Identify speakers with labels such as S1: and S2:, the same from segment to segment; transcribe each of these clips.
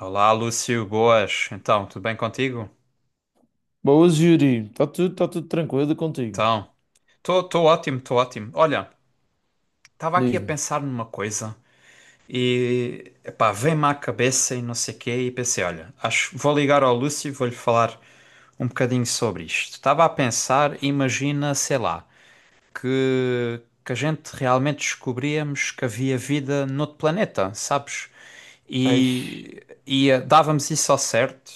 S1: Olá, Lúcio, boas. Então, tudo bem contigo?
S2: Boas, Yuri. Tá tudo tranquilo contigo?
S1: Então, estou ótimo, estou ótimo. Olha, estava aqui a
S2: Diz-me.
S1: pensar numa coisa e, epá, veio-me à cabeça e não sei o quê e pensei, olha, acho, vou ligar ao Lúcio e vou-lhe falar um bocadinho sobre isto. Estava a pensar, imagina, sei lá, que a gente realmente descobríamos que havia vida noutro planeta, sabes?
S2: Ai,
S1: E dávamos isso ao certo.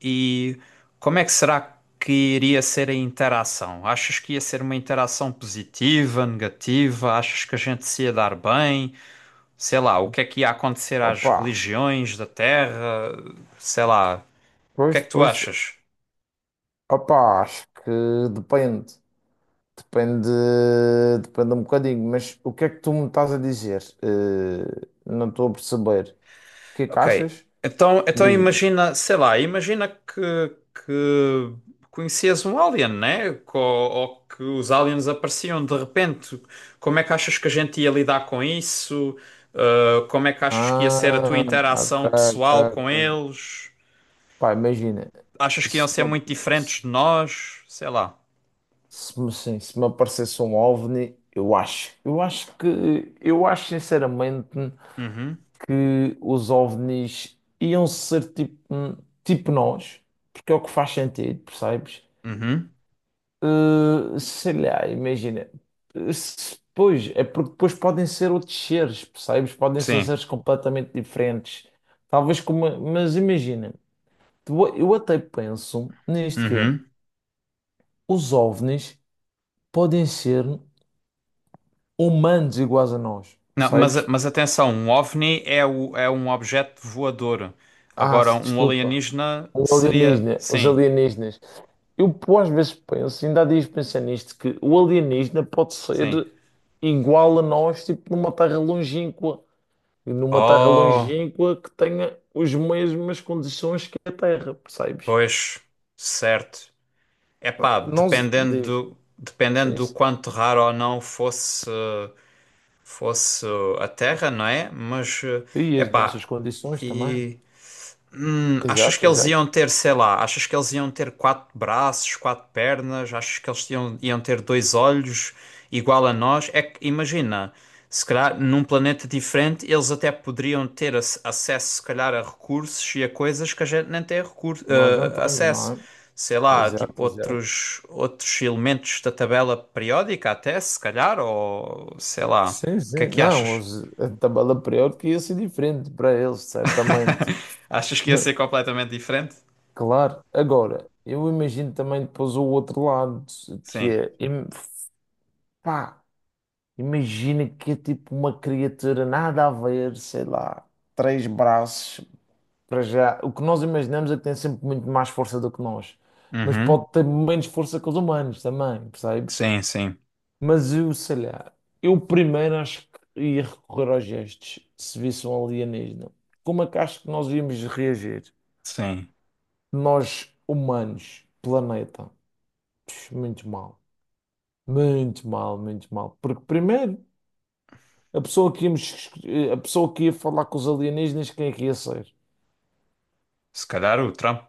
S1: E como é que será que iria ser a interação? Achas que ia ser uma interação positiva, negativa? Achas que a gente se ia dar bem? Sei lá, o que é que ia acontecer às
S2: opa,
S1: religiões da Terra? Sei lá, o que é
S2: pois,
S1: que tu
S2: pois,
S1: achas?
S2: opa, acho que depende, depende, depende um bocadinho, mas o que é que tu me estás a dizer? Não estou a perceber. O que é que
S1: Ok,
S2: achas?
S1: então
S2: Diz-me.
S1: imagina, sei lá, imagina que conhecias um alien, né? Ou que os aliens apareciam de repente. Como é que achas que a gente ia lidar com isso? Como é que achas que ia ser a tua
S2: Ah, ok,
S1: interação
S2: ok,
S1: pessoal com
S2: ok.
S1: eles?
S2: Pá, imagina,
S1: Achas que iam
S2: se
S1: ser
S2: me,
S1: muito diferentes de
S2: se,
S1: nós? Sei lá.
S2: se me sim, se me aparecesse um OVNI. Eu acho sinceramente
S1: Uhum,
S2: que os OVNIs iam ser tipo, tipo nós, porque é o que faz sentido, percebes?
S1: uhum,
S2: Sei lá, imagina. Pois, é porque depois podem ser outros seres, percebes? Podem ser
S1: sim,
S2: seres completamente diferentes. Talvez como. Mas imagina, eu até penso nisto que é,
S1: uhum.
S2: os OVNIs podem ser humanos iguais a nós,
S1: Não, mas,
S2: percebes?
S1: mas atenção, um OVNI é, o, é um objeto voador.
S2: Ah,
S1: Agora, um
S2: desculpa.
S1: alienígena
S2: Um
S1: seria.
S2: alienígena, os
S1: Sim,
S2: alienígenas. Eu, pô, às vezes penso, ainda há dias pensei nisto, que o alienígena pode
S1: sim.
S2: ser igual a nós, tipo, numa terra longínqua. E numa terra
S1: Oh,
S2: longínqua que tenha as mesmas condições que a Terra, percebes?
S1: pois, certo. Epá,
S2: Não se
S1: dependendo
S2: diz,
S1: do, dependendo
S2: sim,
S1: do
S2: sim.
S1: quanto raro ou não fosse, fosse a Terra, não é? Mas,
S2: E as
S1: epá,
S2: nossas condições também.
S1: e. Achas
S2: Exato,
S1: que eles
S2: exato.
S1: iam ter, sei lá, achas que eles iam ter quatro braços, quatro pernas, achas que eles iam, iam ter dois olhos igual a nós? É que imagina, se calhar num planeta diferente eles até poderiam ter acesso, se calhar, a recursos e a coisas que a gente nem tem recurso,
S2: Nós não temos, não
S1: acesso.
S2: é?
S1: Sei lá, tipo
S2: Exato, exato.
S1: outros elementos da tabela periódica, até se calhar, ou sei lá,
S2: Sim,
S1: o que é
S2: sim.
S1: que
S2: Não,
S1: achas?
S2: os, a tabela periódica ia ser diferente para eles, certamente.
S1: Achas que ia ser completamente diferente?
S2: Claro, agora, eu imagino também depois o outro lado, que
S1: Sim.
S2: é, pá, imagina que é tipo uma criatura nada a ver, sei lá, três braços. Para já, o que nós imaginamos é que tem sempre muito mais força do que nós, mas
S1: Uhum.
S2: pode ter menos força que os humanos também, percebes?
S1: Sim, sim,
S2: Mas eu, sei lá, eu primeiro acho que ia recorrer aos gestos, se visse um alienígena. Como é que acho que nós íamos reagir?
S1: sim.
S2: Nós, humanos, planeta. Pux, muito mal. Muito mal, muito mal. Porque primeiro, a pessoa que íamos, a pessoa que ia falar com os alienígenas, quem é que ia ser?
S1: Se calhar o Trump.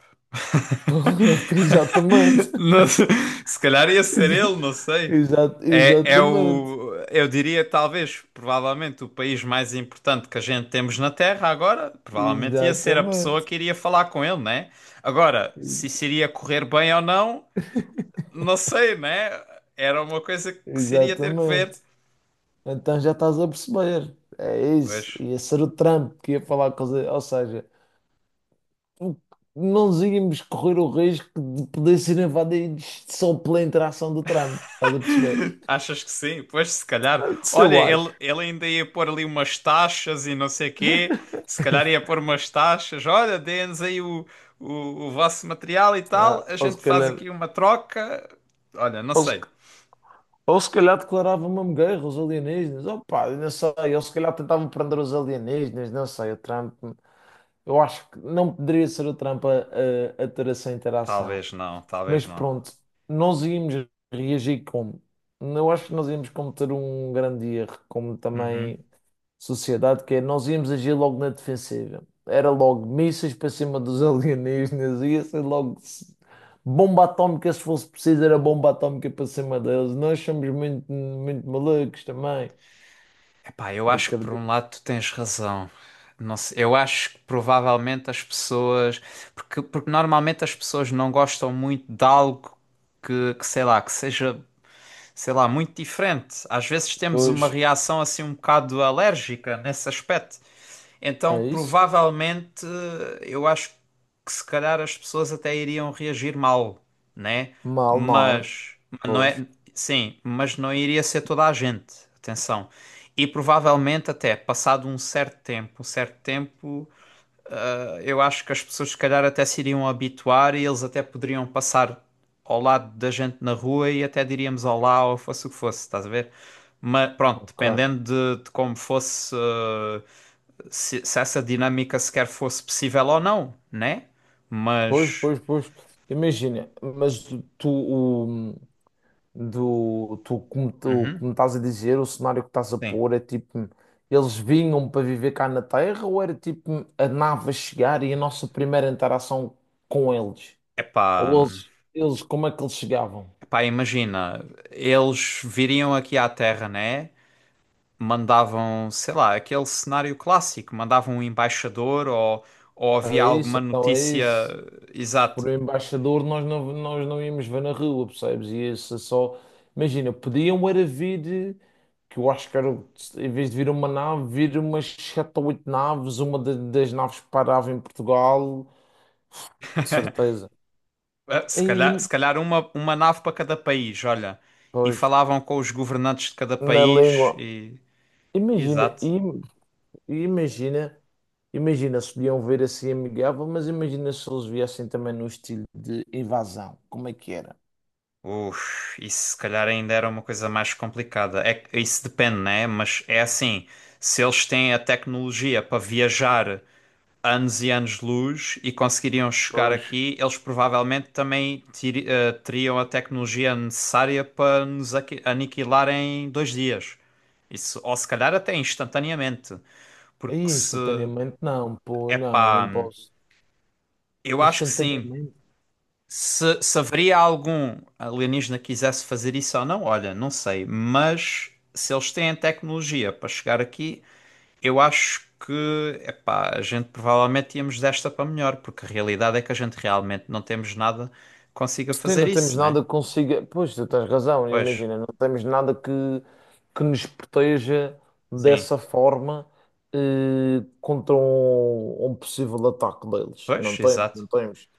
S2: Exatamente.
S1: Não sei, se calhar ia ser
S2: Exa-
S1: ele, não sei. É, é
S2: Exatamente.
S1: o, eu diria, talvez, provavelmente, o país mais importante que a gente temos na Terra agora, provavelmente ia ser a pessoa
S2: Exatamente.
S1: que iria falar com ele, né? Agora, se isso iria correr bem ou não, não sei, né? Era uma coisa que se iria ter que ver.
S2: Exatamente. Então já estás a perceber. É isso.
S1: Pois.
S2: Ia ser o Trump que ia falar coisa. Ou seja, não nos íamos correr o risco de poder ser invadidos só pela interação do Trump. Estás a perceber?
S1: Achas que sim? Pois, se calhar.
S2: Isso
S1: Olha,
S2: eu
S1: ele,
S2: acho.
S1: ele ainda ia pôr ali umas taxas e não sei quê. Se calhar ia pôr umas taxas. Olha, dê-nos aí o vosso material e tal.
S2: Ah,
S1: A gente faz aqui uma troca. Olha, não
S2: ou se,
S1: sei.
S2: ou se calhar declarava uma guerra aos alienígenas. Opa, eu não sei. Ou se calhar tentavam prender os alienígenas. Não sei. O Trump, eu acho que não poderia ser o Trump a ter essa interação.
S1: Talvez não, talvez
S2: Mas
S1: não.
S2: pronto, nós íamos reagir como? Eu acho que nós íamos cometer um grande erro, como
S1: Uhum.
S2: também sociedade, que é nós íamos agir logo na defensiva. Era logo mísseis para cima dos alienígenas, ia ser logo s- bomba atómica, se fosse preciso, era bomba atómica para cima deles. Nós somos muito, muito malucos também.
S1: Epá, eu acho que por
S2: Acredito.
S1: um lado tu tens razão. Não sei, eu acho que provavelmente as pessoas. Porque normalmente as pessoas não gostam muito de algo que sei lá, que seja sei lá, muito diferente. Às vezes temos uma
S2: Pois,
S1: reação assim um bocado alérgica nesse aspecto. Então,
S2: é isso?
S1: provavelmente, eu acho que se calhar as pessoas até iriam reagir mal, né?
S2: Mal, não é?
S1: Mas não
S2: Pois.
S1: é, sim, mas não iria ser toda a gente. Atenção. E provavelmente até passado um certo tempo, ah, eu acho que as pessoas se calhar até se iriam habituar e eles até poderiam passar ao lado da gente na rua e até diríamos olá ou fosse o que fosse, estás a ver? Mas pronto,
S2: Ok.
S1: dependendo de como fosse, se essa dinâmica sequer fosse possível ou não, né?
S2: Pois,
S1: Mas,
S2: pois, pois. Imagina, mas tu, tu, o, do tu,
S1: uhum,
S2: como estás a dizer, o cenário que estás a
S1: sim.
S2: pôr é tipo, eles vinham para viver cá na Terra ou era tipo a nave a chegar e a nossa primeira interação com eles?
S1: Epá,
S2: Ou eles como é que eles chegavam?
S1: epá, imagina, eles viriam aqui à Terra, né? Mandavam, sei lá, aquele cenário clássico, mandavam um embaixador ou havia
S2: É isso,
S1: alguma
S2: então é
S1: notícia,
S2: isso.
S1: exato.
S2: Por um embaixador nós não íamos ver na rua, percebes? E isso é só. Imagina, podiam era vir, que eu acho que era, em vez de vir uma nave, vir umas sete ou oito naves, das naves que parava em Portugal de certeza.
S1: Ah, se calhar,
S2: E,
S1: se calhar uma nave para cada país, olha, e
S2: pois.
S1: falavam com os governantes de cada
S2: Na
S1: país
S2: língua.
S1: e,
S2: Imagina,
S1: exato.
S2: im- imagina, Imagina se podiam ver assim amigável, mas imagina se eles viessem também no estilo de invasão, como é que era?
S1: Uf, isso se calhar ainda era uma coisa mais complicada. É, que isso depende, né? Mas é assim, se eles têm a tecnologia para viajar anos e anos-luz e conseguiriam chegar
S2: Pois.
S1: aqui, eles provavelmente também teriam a tecnologia necessária para nos aniquilar em dois dias. Isso, ou se calhar até instantaneamente, porque
S2: Aí
S1: se,
S2: instantaneamente não, pô, não,
S1: epá,
S2: não posso.
S1: eu acho que sim.
S2: Instantaneamente.
S1: Se haveria algum alienígena que quisesse fazer isso ou não, olha, não sei, mas se eles têm tecnologia para chegar aqui, eu acho que, epá, a gente provavelmente íamos desta para melhor, porque a realidade é que a gente realmente não temos nada que consiga
S2: Sim,
S1: fazer
S2: não temos
S1: isso, né?
S2: nada que consiga. Pois, tu tens razão,
S1: Pois,
S2: imagina, não temos nada que nos proteja
S1: sim,
S2: dessa forma, contra um possível ataque deles. Não
S1: pois,
S2: temos,
S1: exato.
S2: não temos.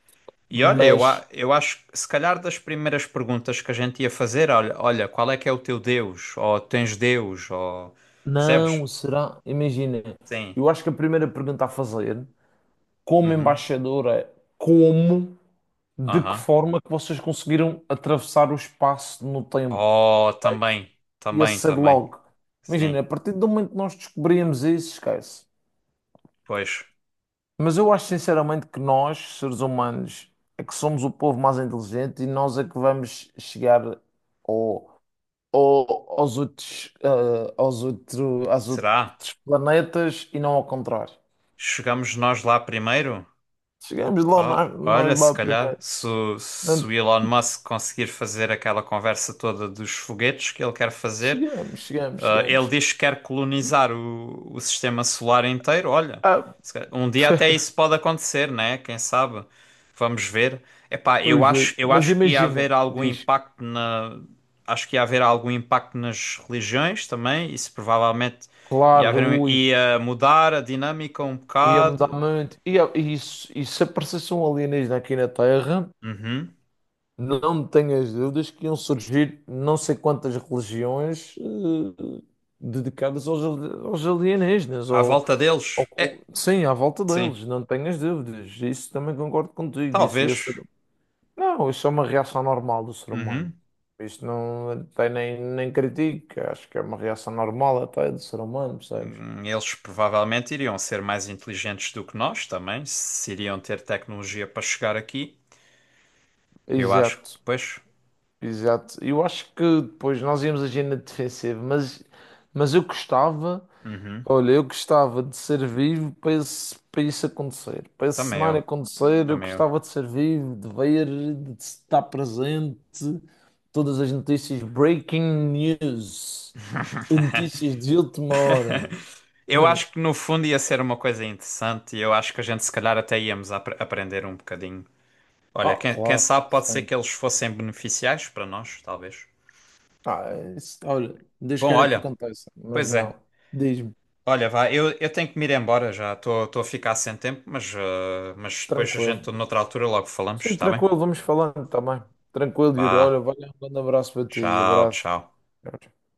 S1: E olha, eu, a-
S2: Mas
S1: eu acho que se calhar das primeiras perguntas que a gente ia fazer, olha, olha, qual é que é o teu Deus? Ou tens Deus? Ou percebes?
S2: não será. Imagina,
S1: Sim.
S2: eu acho que a primeira pergunta a fazer, como
S1: Uhum.
S2: embaixador, é como, de que
S1: Aham.
S2: forma que vocês conseguiram atravessar o espaço no tempo?
S1: Oh, também,
S2: Ia
S1: também,
S2: ser
S1: também.
S2: logo. Imagina,
S1: Sim.
S2: a partir do momento que nós descobrimos isso, esquece.
S1: Pois.
S2: Mas eu acho sinceramente que nós, seres humanos, é que somos o povo mais inteligente e nós é que vamos chegar ao, ao- aos outros, eh, aos outro, aos
S1: Será?
S2: outros planetas e não ao contrário.
S1: Chegamos nós lá primeiro?
S2: Chegamos lá,
S1: Ah, olha,
S2: nós
S1: se
S2: lá
S1: calhar,
S2: primeiro.
S1: se
S2: Não-
S1: o Elon Musk conseguir fazer aquela conversa toda dos foguetes que ele quer fazer,
S2: Chegamos, chegamos,
S1: ah, ele
S2: chegamos.
S1: diz que quer colonizar o sistema solar inteiro. Olha,
S2: Ah,
S1: se calhar um dia até isso pode acontecer, né? Quem sabe? Vamos ver. Epá, eu
S2: vamos
S1: acho,
S2: ver.
S1: eu
S2: Mas
S1: acho que ia
S2: imagina,
S1: haver algum
S2: diz,
S1: impacto na, acho que ia haver algum impacto nas religiões também. Isso provavelmente ia
S2: claro,
S1: haver,
S2: ui,
S1: ia mudar a dinâmica um
S2: ia mudar
S1: bocado.
S2: muito. E se aparecesse um alienígena aqui na Terra?
S1: Uhum.
S2: Não tenhas dúvidas que iam surgir não sei quantas religiões, dedicadas aos alienígenas,
S1: À volta deles. É,
S2: sim, à volta
S1: sim,
S2: deles, não tenhas dúvidas. Isso também concordo contigo. Isso ia ser...
S1: talvez.
S2: Não, isso é uma reação normal do ser humano.
S1: Uhum.
S2: Isto não tem, nem critica, acho que é uma reação normal até do ser humano, percebes?
S1: Eles provavelmente iriam ser mais inteligentes do que nós também, se iriam ter tecnologia para chegar aqui. Eu acho que,
S2: Exato,
S1: pois,
S2: exato. Eu acho que depois nós íamos agir na defensiva, mas eu gostava.
S1: uhum.
S2: Olha, eu gostava de ser vivo para isso acontecer. Para esse
S1: Também
S2: cenário
S1: eu,
S2: acontecer, eu
S1: também eu.
S2: gostava de ser vivo, de ver, de estar presente. Todas as notícias, breaking news, notícias de última hora.
S1: Eu acho que no fundo ia ser uma coisa interessante e eu acho que a gente se calhar até íamos aprender um bocadinho. Olha,
S2: Ah,
S1: quem
S2: claro,
S1: sabe pode ser que
S2: sempre.
S1: eles fossem beneficiais para nós, talvez.
S2: Ah, é isso, olha, Deus
S1: Bom,
S2: queira que
S1: olha,
S2: aconteça, mas
S1: pois é.
S2: não. Diz-me,
S1: Olha, vá, eu tenho que me ir embora já. Estou a ficar sem tempo, mas, mas depois a
S2: tranquilo.
S1: gente, noutra altura, logo falamos,
S2: Sim,
S1: está bem?
S2: tranquilo, vamos falando também. Tranquilo, Yuri.
S1: Vá,
S2: Olha, valeu, um grande abraço para ti.
S1: tchau,
S2: Abraço.
S1: tchau.
S2: Tchau, tchau.